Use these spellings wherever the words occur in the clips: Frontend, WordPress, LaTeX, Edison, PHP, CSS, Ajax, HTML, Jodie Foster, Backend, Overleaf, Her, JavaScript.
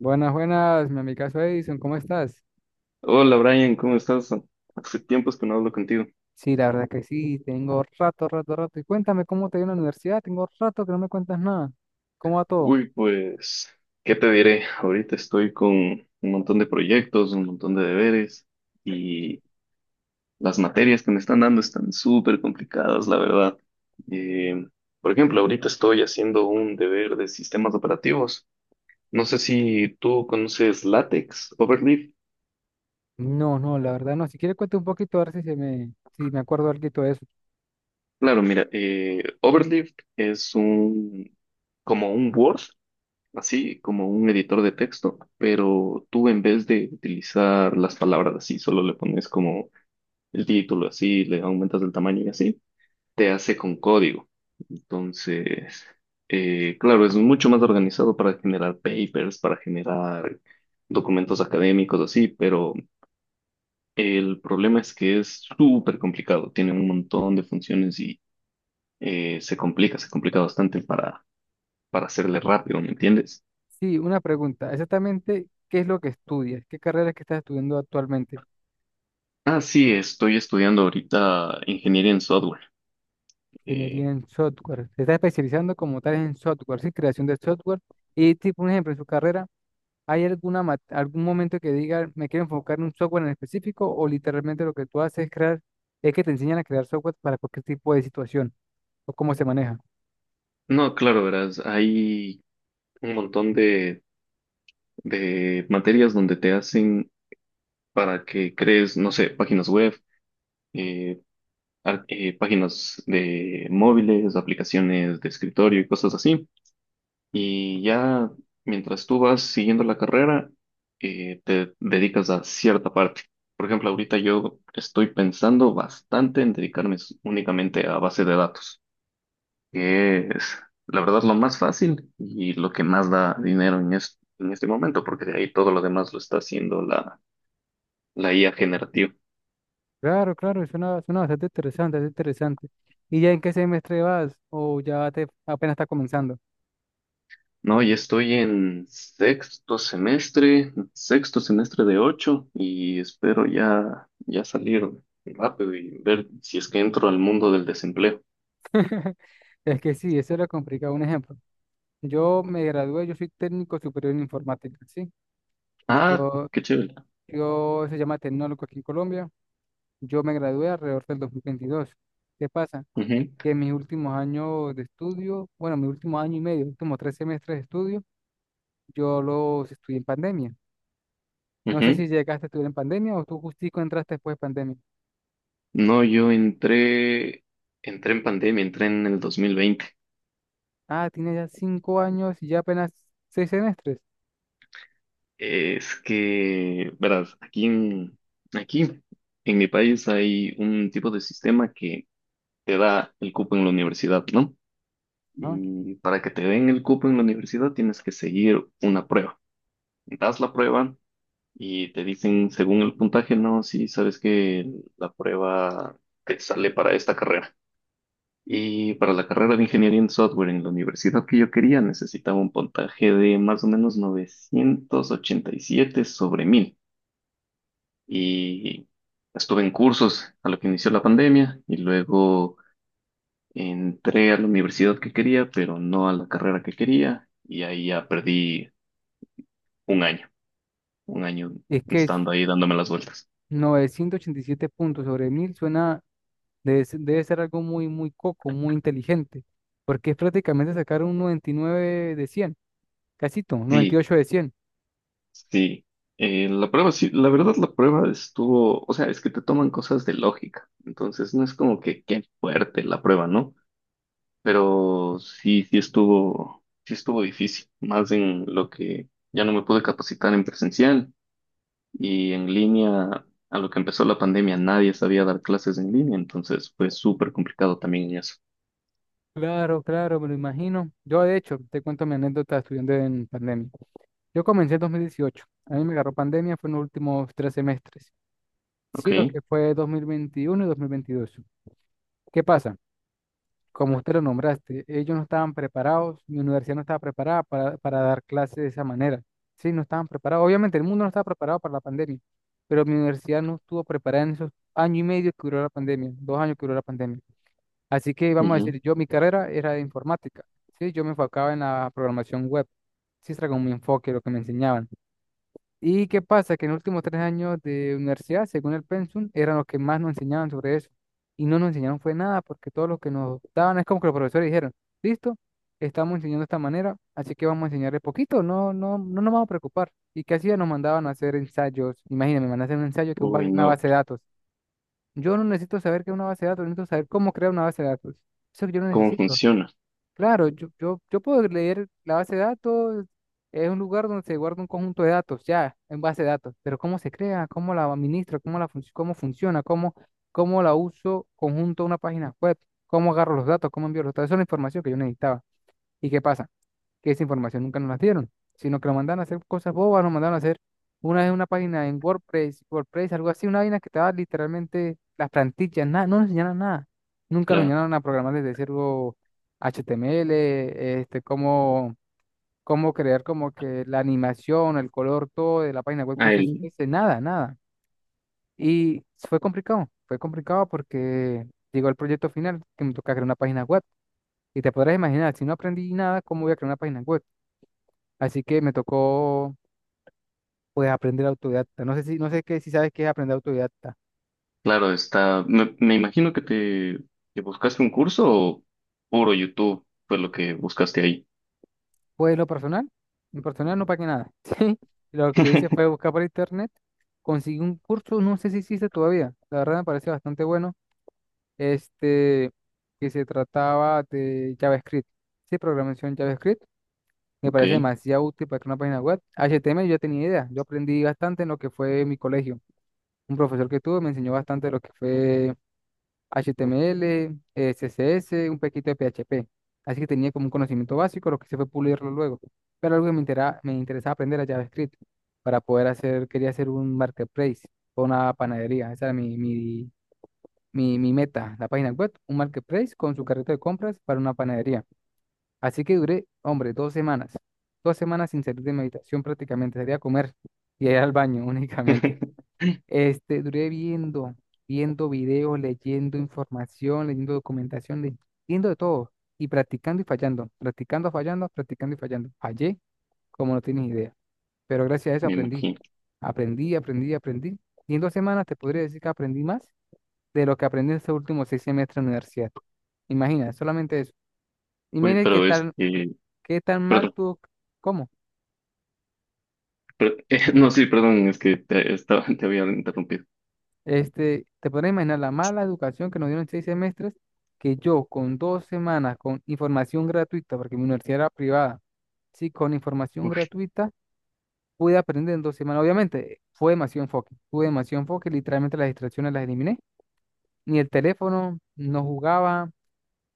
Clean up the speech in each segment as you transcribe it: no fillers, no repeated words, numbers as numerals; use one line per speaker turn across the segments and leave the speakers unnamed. Buenas, buenas, mi amigazo Edison, ¿cómo estás?
Hola Brian, ¿cómo estás? Hace tiempos que no hablo contigo.
Sí, la verdad que sí, tengo rato, rato, rato. Y cuéntame cómo te dio en la universidad, tengo rato que no me cuentas nada. ¿Cómo va todo?
Uy, pues, ¿qué te diré? Ahorita estoy con un montón de proyectos, un montón de deberes y las materias que me están dando están súper complicadas, la verdad. Eh, por ejemplo, ahorita estoy haciendo un deber de sistemas operativos. No sé si tú conoces LaTeX, Overleaf.
No, no, la verdad no. Si quieres cuente un poquito, a ver si me acuerdo algo de eso.
Claro, mira, Overleaf es un como un Word, así como un editor de texto, pero tú en vez de utilizar las palabras así, solo le pones como el título así, le aumentas el tamaño y así, te hace con código. Entonces, claro, es mucho más organizado para generar papers, para generar documentos académicos así, pero el problema es que es súper complicado, tiene un montón de funciones y se complica bastante para hacerle rápido, ¿me entiendes?
Sí, una pregunta. Exactamente, ¿qué es lo que estudias? ¿Qué carrera es que estás estudiando actualmente?
Ah, sí, estoy estudiando ahorita ingeniería en software. Eh,
Ingeniería en software. Se está especializando como tal en software, sí, creación de software. Y tipo, un ejemplo, en su carrera, ¿hay algún momento que diga, me quiero enfocar en un software en específico o literalmente lo que tú haces es crear, es que te enseñan a crear software para cualquier tipo de situación o cómo se maneja?
no, claro, verás, hay un montón de materias donde te hacen para que crees, no sé, páginas web, eh, páginas de móviles, aplicaciones de escritorio y cosas así. Y ya mientras tú vas siguiendo la carrera, te dedicas a cierta parte. Por ejemplo, ahorita yo estoy pensando bastante en únicamente a base de datos, que es la verdad lo más fácil y lo que más da dinero en este momento, porque de ahí todo lo demás lo está haciendo la IA generativa.
Claro, claro, suena, suena bastante interesante, bastante interesante. ¿Y ya en qué semestre vas o ya te apenas está comenzando?
No, y estoy en sexto semestre de ocho y espero ya salir rápido y ver si es que entro al mundo del desempleo.
Es que sí, eso es lo complicado. Un ejemplo. Yo me gradué, yo soy técnico superior en informática, ¿sí?
Ah,
Yo
qué chévere.
Yo se llama tecnólogo aquí en Colombia. Yo me gradué alrededor del 2022. ¿Qué pasa?
Ujú,
Que en mis últimos años de estudio, bueno, mi último año y medio, últimos 3 semestres de estudio, yo los estudié en pandemia. No sé si
ujú.
llegaste a estudiar en pandemia o tú justico entraste después de pandemia.
No, entré en pandemia, entré en el 2020.
Ah, tienes ya 5 años y ya apenas 6 semestres.
Es que, verás, aquí en mi país hay un tipo de sistema que te da el cupo en la universidad, ¿no?
¿No?
Y para que te den el cupo en la universidad tienes que seguir una prueba. Das la prueba y te dicen, según el puntaje, no, sí, sabes que la prueba te sale para esta carrera. Y para la carrera de ingeniería en software en la universidad que yo quería, necesitaba un puntaje de más o menos 987 sobre 1000. Y estuve en cursos a lo que inició la pandemia y luego entré a la universidad que quería, pero no a la carrera que quería y ahí ya perdí un año, un año
Es que
estando ahí dándome las vueltas.
987 puntos sobre 1.000 suena, debe ser algo muy, muy coco, muy inteligente, porque es prácticamente sacar un 99 de 100, casito, noventa y
Sí,
ocho de 100.
sí. La prueba, sí, la verdad la prueba estuvo, o sea, es que te toman cosas de lógica, entonces no es como que qué fuerte la prueba, ¿no? Pero sí, sí estuvo difícil, más en lo que ya no me pude capacitar en presencial. Y en línea, a lo que empezó la pandemia, nadie sabía dar clases en línea, entonces fue súper complicado también en eso.
Claro, claro, me lo imagino. Yo, de hecho, te cuento mi anécdota estudiando en pandemia. Yo comencé en 2018. A mí me agarró pandemia, fue en los últimos 3 semestres. Sí, lo
Ok.
que fue 2021 y 2022. ¿Qué pasa? Como usted lo nombraste, ellos no estaban preparados, mi universidad no estaba preparada para dar clases de esa manera. Sí, no estaban preparados. Obviamente, el mundo no estaba preparado para la pandemia, pero mi universidad no estuvo preparada en esos año y medio que duró la pandemia, 2 años que duró la pandemia. Así que vamos a
Ujú.
decir, yo mi carrera era de informática, sí, yo me enfocaba en la programación web, sí, era como mi enfoque, lo que me enseñaban. ¿Y qué pasa? Que en los últimos 3 años de universidad, según el pensum, eran los que más nos enseñaban sobre eso. Y no nos enseñaron fue nada, porque todo lo que nos daban es como que los profesores dijeron, listo, estamos enseñando de esta manera, así que vamos a enseñarle poquito, no, no, no nos vamos a preocupar. ¿Y qué hacían? Nos mandaban a hacer ensayos. Imagínense, me mandan a hacer un ensayo que es
Uy,
una
no.
base de datos. Yo no necesito saber qué es una base de datos, necesito saber cómo crear una base de datos. Eso yo no
¿Cómo
necesito.
funciona?
Claro, yo puedo leer la base de datos, es un lugar donde se guarda un conjunto de datos, ya, en base de datos, pero cómo se crea, cómo la administro, cómo funciona, cómo la uso conjunto a una página web, cómo agarro los datos, cómo envío los datos, esa es la información que yo necesitaba. ¿Y qué pasa? Que esa información nunca nos la dieron, sino que lo mandaron a hacer cosas bobas, nos mandaron a hacer una vez una página en WordPress, WordPress, algo así, una vaina que estaba literalmente las plantillas, nada, no nos enseñaron nada. Nunca nos
Claro.
enseñaron a programar desde cero HTML, este, cómo, cómo crear como que la animación, el color, todo de la página web con
Ah, el-
CSS, nada, nada. Y fue complicado porque llegó el proyecto final que me toca crear una página web. Y te podrás imaginar, si no aprendí nada, ¿cómo voy a crear una página web? Así que me tocó pues aprender autodidacta. No sé si, no sé qué, si sabes qué es aprender autodidacta.
claro, está. Me imagino que te que buscaste un curso o puro YouTube fue lo que buscaste ahí.
Pues lo personal, en personal no pagué nada. Sí, lo que hice fue buscar por internet, conseguí un curso, no sé si existe todavía. La verdad me pareció bastante bueno. Este, que se trataba de JavaScript. Sí, programación JavaScript. Me
Ok.
parece demasiado útil para crear una página web. HTML yo ya tenía idea. Yo aprendí bastante en lo que fue mi colegio. Un profesor que tuve me enseñó bastante lo que fue HTML, CSS, un poquito de PHP. Así que tenía como un conocimiento básico, lo que se fue pulirlo luego. Pero algo que me interesaba aprender era JavaScript para poder hacer, quería hacer un marketplace o una panadería. Esa era mi meta, la página web, un marketplace con su carrito de compras para una panadería. Así que duré, hombre, 2 semanas. 2 semanas sin salir de mi habitación prácticamente, sería comer y ir al baño únicamente. Duré viendo videos, leyendo información, leyendo documentación, leyendo de todo y practicando y fallando, practicando y fallando. Fallé como no tienes idea, pero gracias a eso
Me
aprendí,
imagino.
aprendí, aprendí, aprendí. Y en 2 semanas te podría decir que aprendí más de lo que aprendí en estos últimos 6 semestres de universidad. Imagina, solamente eso.
Uy,
Imagina
pero este.
qué tan mal
Perdón.
tuvo, ¿cómo?
No, sí, perdón, es que te había interrumpido.
Te podrás imaginar la mala educación que nos dieron en 6 semestres, que yo con 2 semanas, con información gratuita, porque mi universidad era privada, sí, con información
Uy,
gratuita, pude aprender en 2 semanas. Obviamente, fue demasiado enfoque, tuve demasiado enfoque, literalmente las distracciones las eliminé. Ni el teléfono, no jugaba,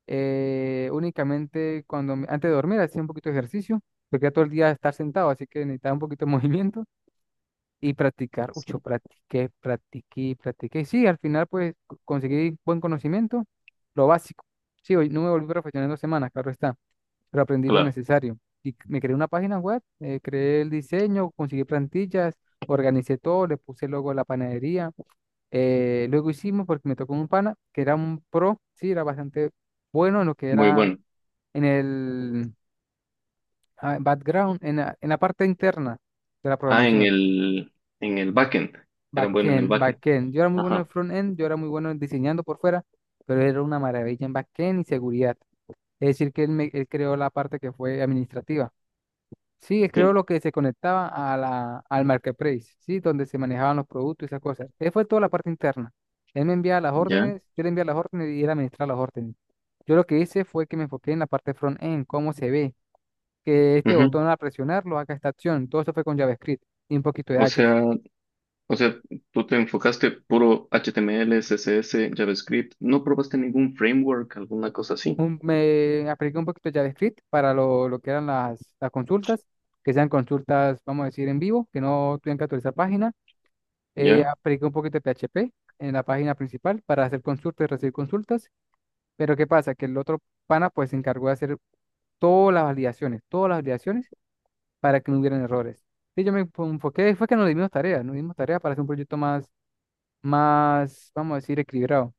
únicamente antes de dormir hacía un poquito de ejercicio, porque era todo el día estar sentado, así que necesitaba un poquito de movimiento y practicar. Uy,
sí.
yo practiqué, practiqué, practiqué. Sí, al final pues conseguí buen conocimiento, lo básico. Sí, hoy no me volví profesional en 2 semanas, claro está, pero aprendí lo
Claro.
necesario. Y me creé una página web, creé el diseño, conseguí plantillas, organicé todo, le puse el logo de la panadería. Luego hicimos, porque me tocó un pana, que era un pro, sí, era bastante bueno en lo que
Muy
era
bueno.
en el background, en la parte interna de la
Ah, en
programación.
el, en el backend. Era bueno en el
Backend,
backend.
backend. Yo era muy bueno en
Ajá,
frontend, yo era muy bueno en diseñando por fuera, pero era una maravilla en backend y seguridad. Es decir, que él creó la parte que fue administrativa. Sí, él creó
sí,
lo que se conectaba al marketplace, ¿sí? Donde se manejaban los productos y esas cosas. Él fue toda la parte interna. Él me enviaba las
ya.
órdenes, yo le enviaba las órdenes y él administraba las órdenes. Yo lo que hice fue que me enfoqué en la parte front-end, cómo se ve, que este
Ujú.
botón al presionarlo haga esta acción. Todo eso fue con JavaScript y un poquito de
O
Ajax.
sea, o sea, tú te enfocaste puro HTML, CSS, JavaScript. No probaste ningún framework, alguna cosa así.
Me apliqué un poquito de JavaScript para lo que eran las consultas, que sean consultas, vamos a decir, en vivo, que no tengan que actualizar página.
Ya,
Apliqué un poquito de PHP en la página principal para hacer consultas y recibir consultas. Pero ¿qué pasa? Que el otro pana pues se encargó de hacer todas las validaciones para que no hubieran errores. Y yo enfoqué, fue que nos dimos tareas para hacer un proyecto más, más, vamos a decir, equilibrado.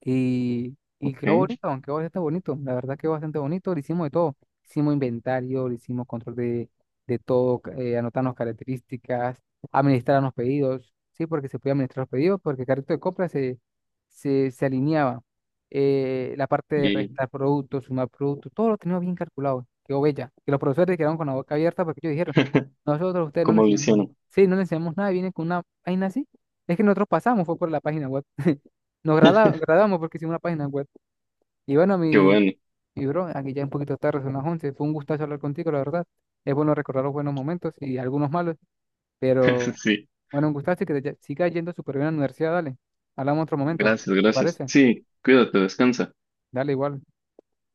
Y quedó
ok.
bonito, aunque bastante bonito. La verdad quedó bastante bonito. Le hicimos de todo. Hicimos inventario, le hicimos control de todo, anotarnos características, administrar los pedidos. Sí, porque se podía administrar los pedidos, porque el carrito de compra se alineaba. La parte de
¿Y
restar productos, sumar productos, todo lo teníamos bien calculado. Quedó bella. Que los profesores quedaron con la boca abierta porque ellos dijeron, nosotros a ustedes no les
cómo lo
enseñamos,
hicieron?
sí, no les enseñamos nada, vienen con una vaina así. Es que nosotros pasamos, fue por la página web. Nos grabamos porque hicimos una página web. Y bueno,
Qué
mi,
bueno.
mi bro, aquí ya un poquito tarde, son las 11. Fue un gustazo hablar contigo, la verdad. Es bueno recordar los buenos momentos y algunos malos, pero
Sí,
bueno, un gustazo y que te siga yendo súper bien a la universidad, dale. Hablamos otro momento,
gracias,
¿te
gracias.
parece?
Sí, cuídate, descansa.
Dale igual.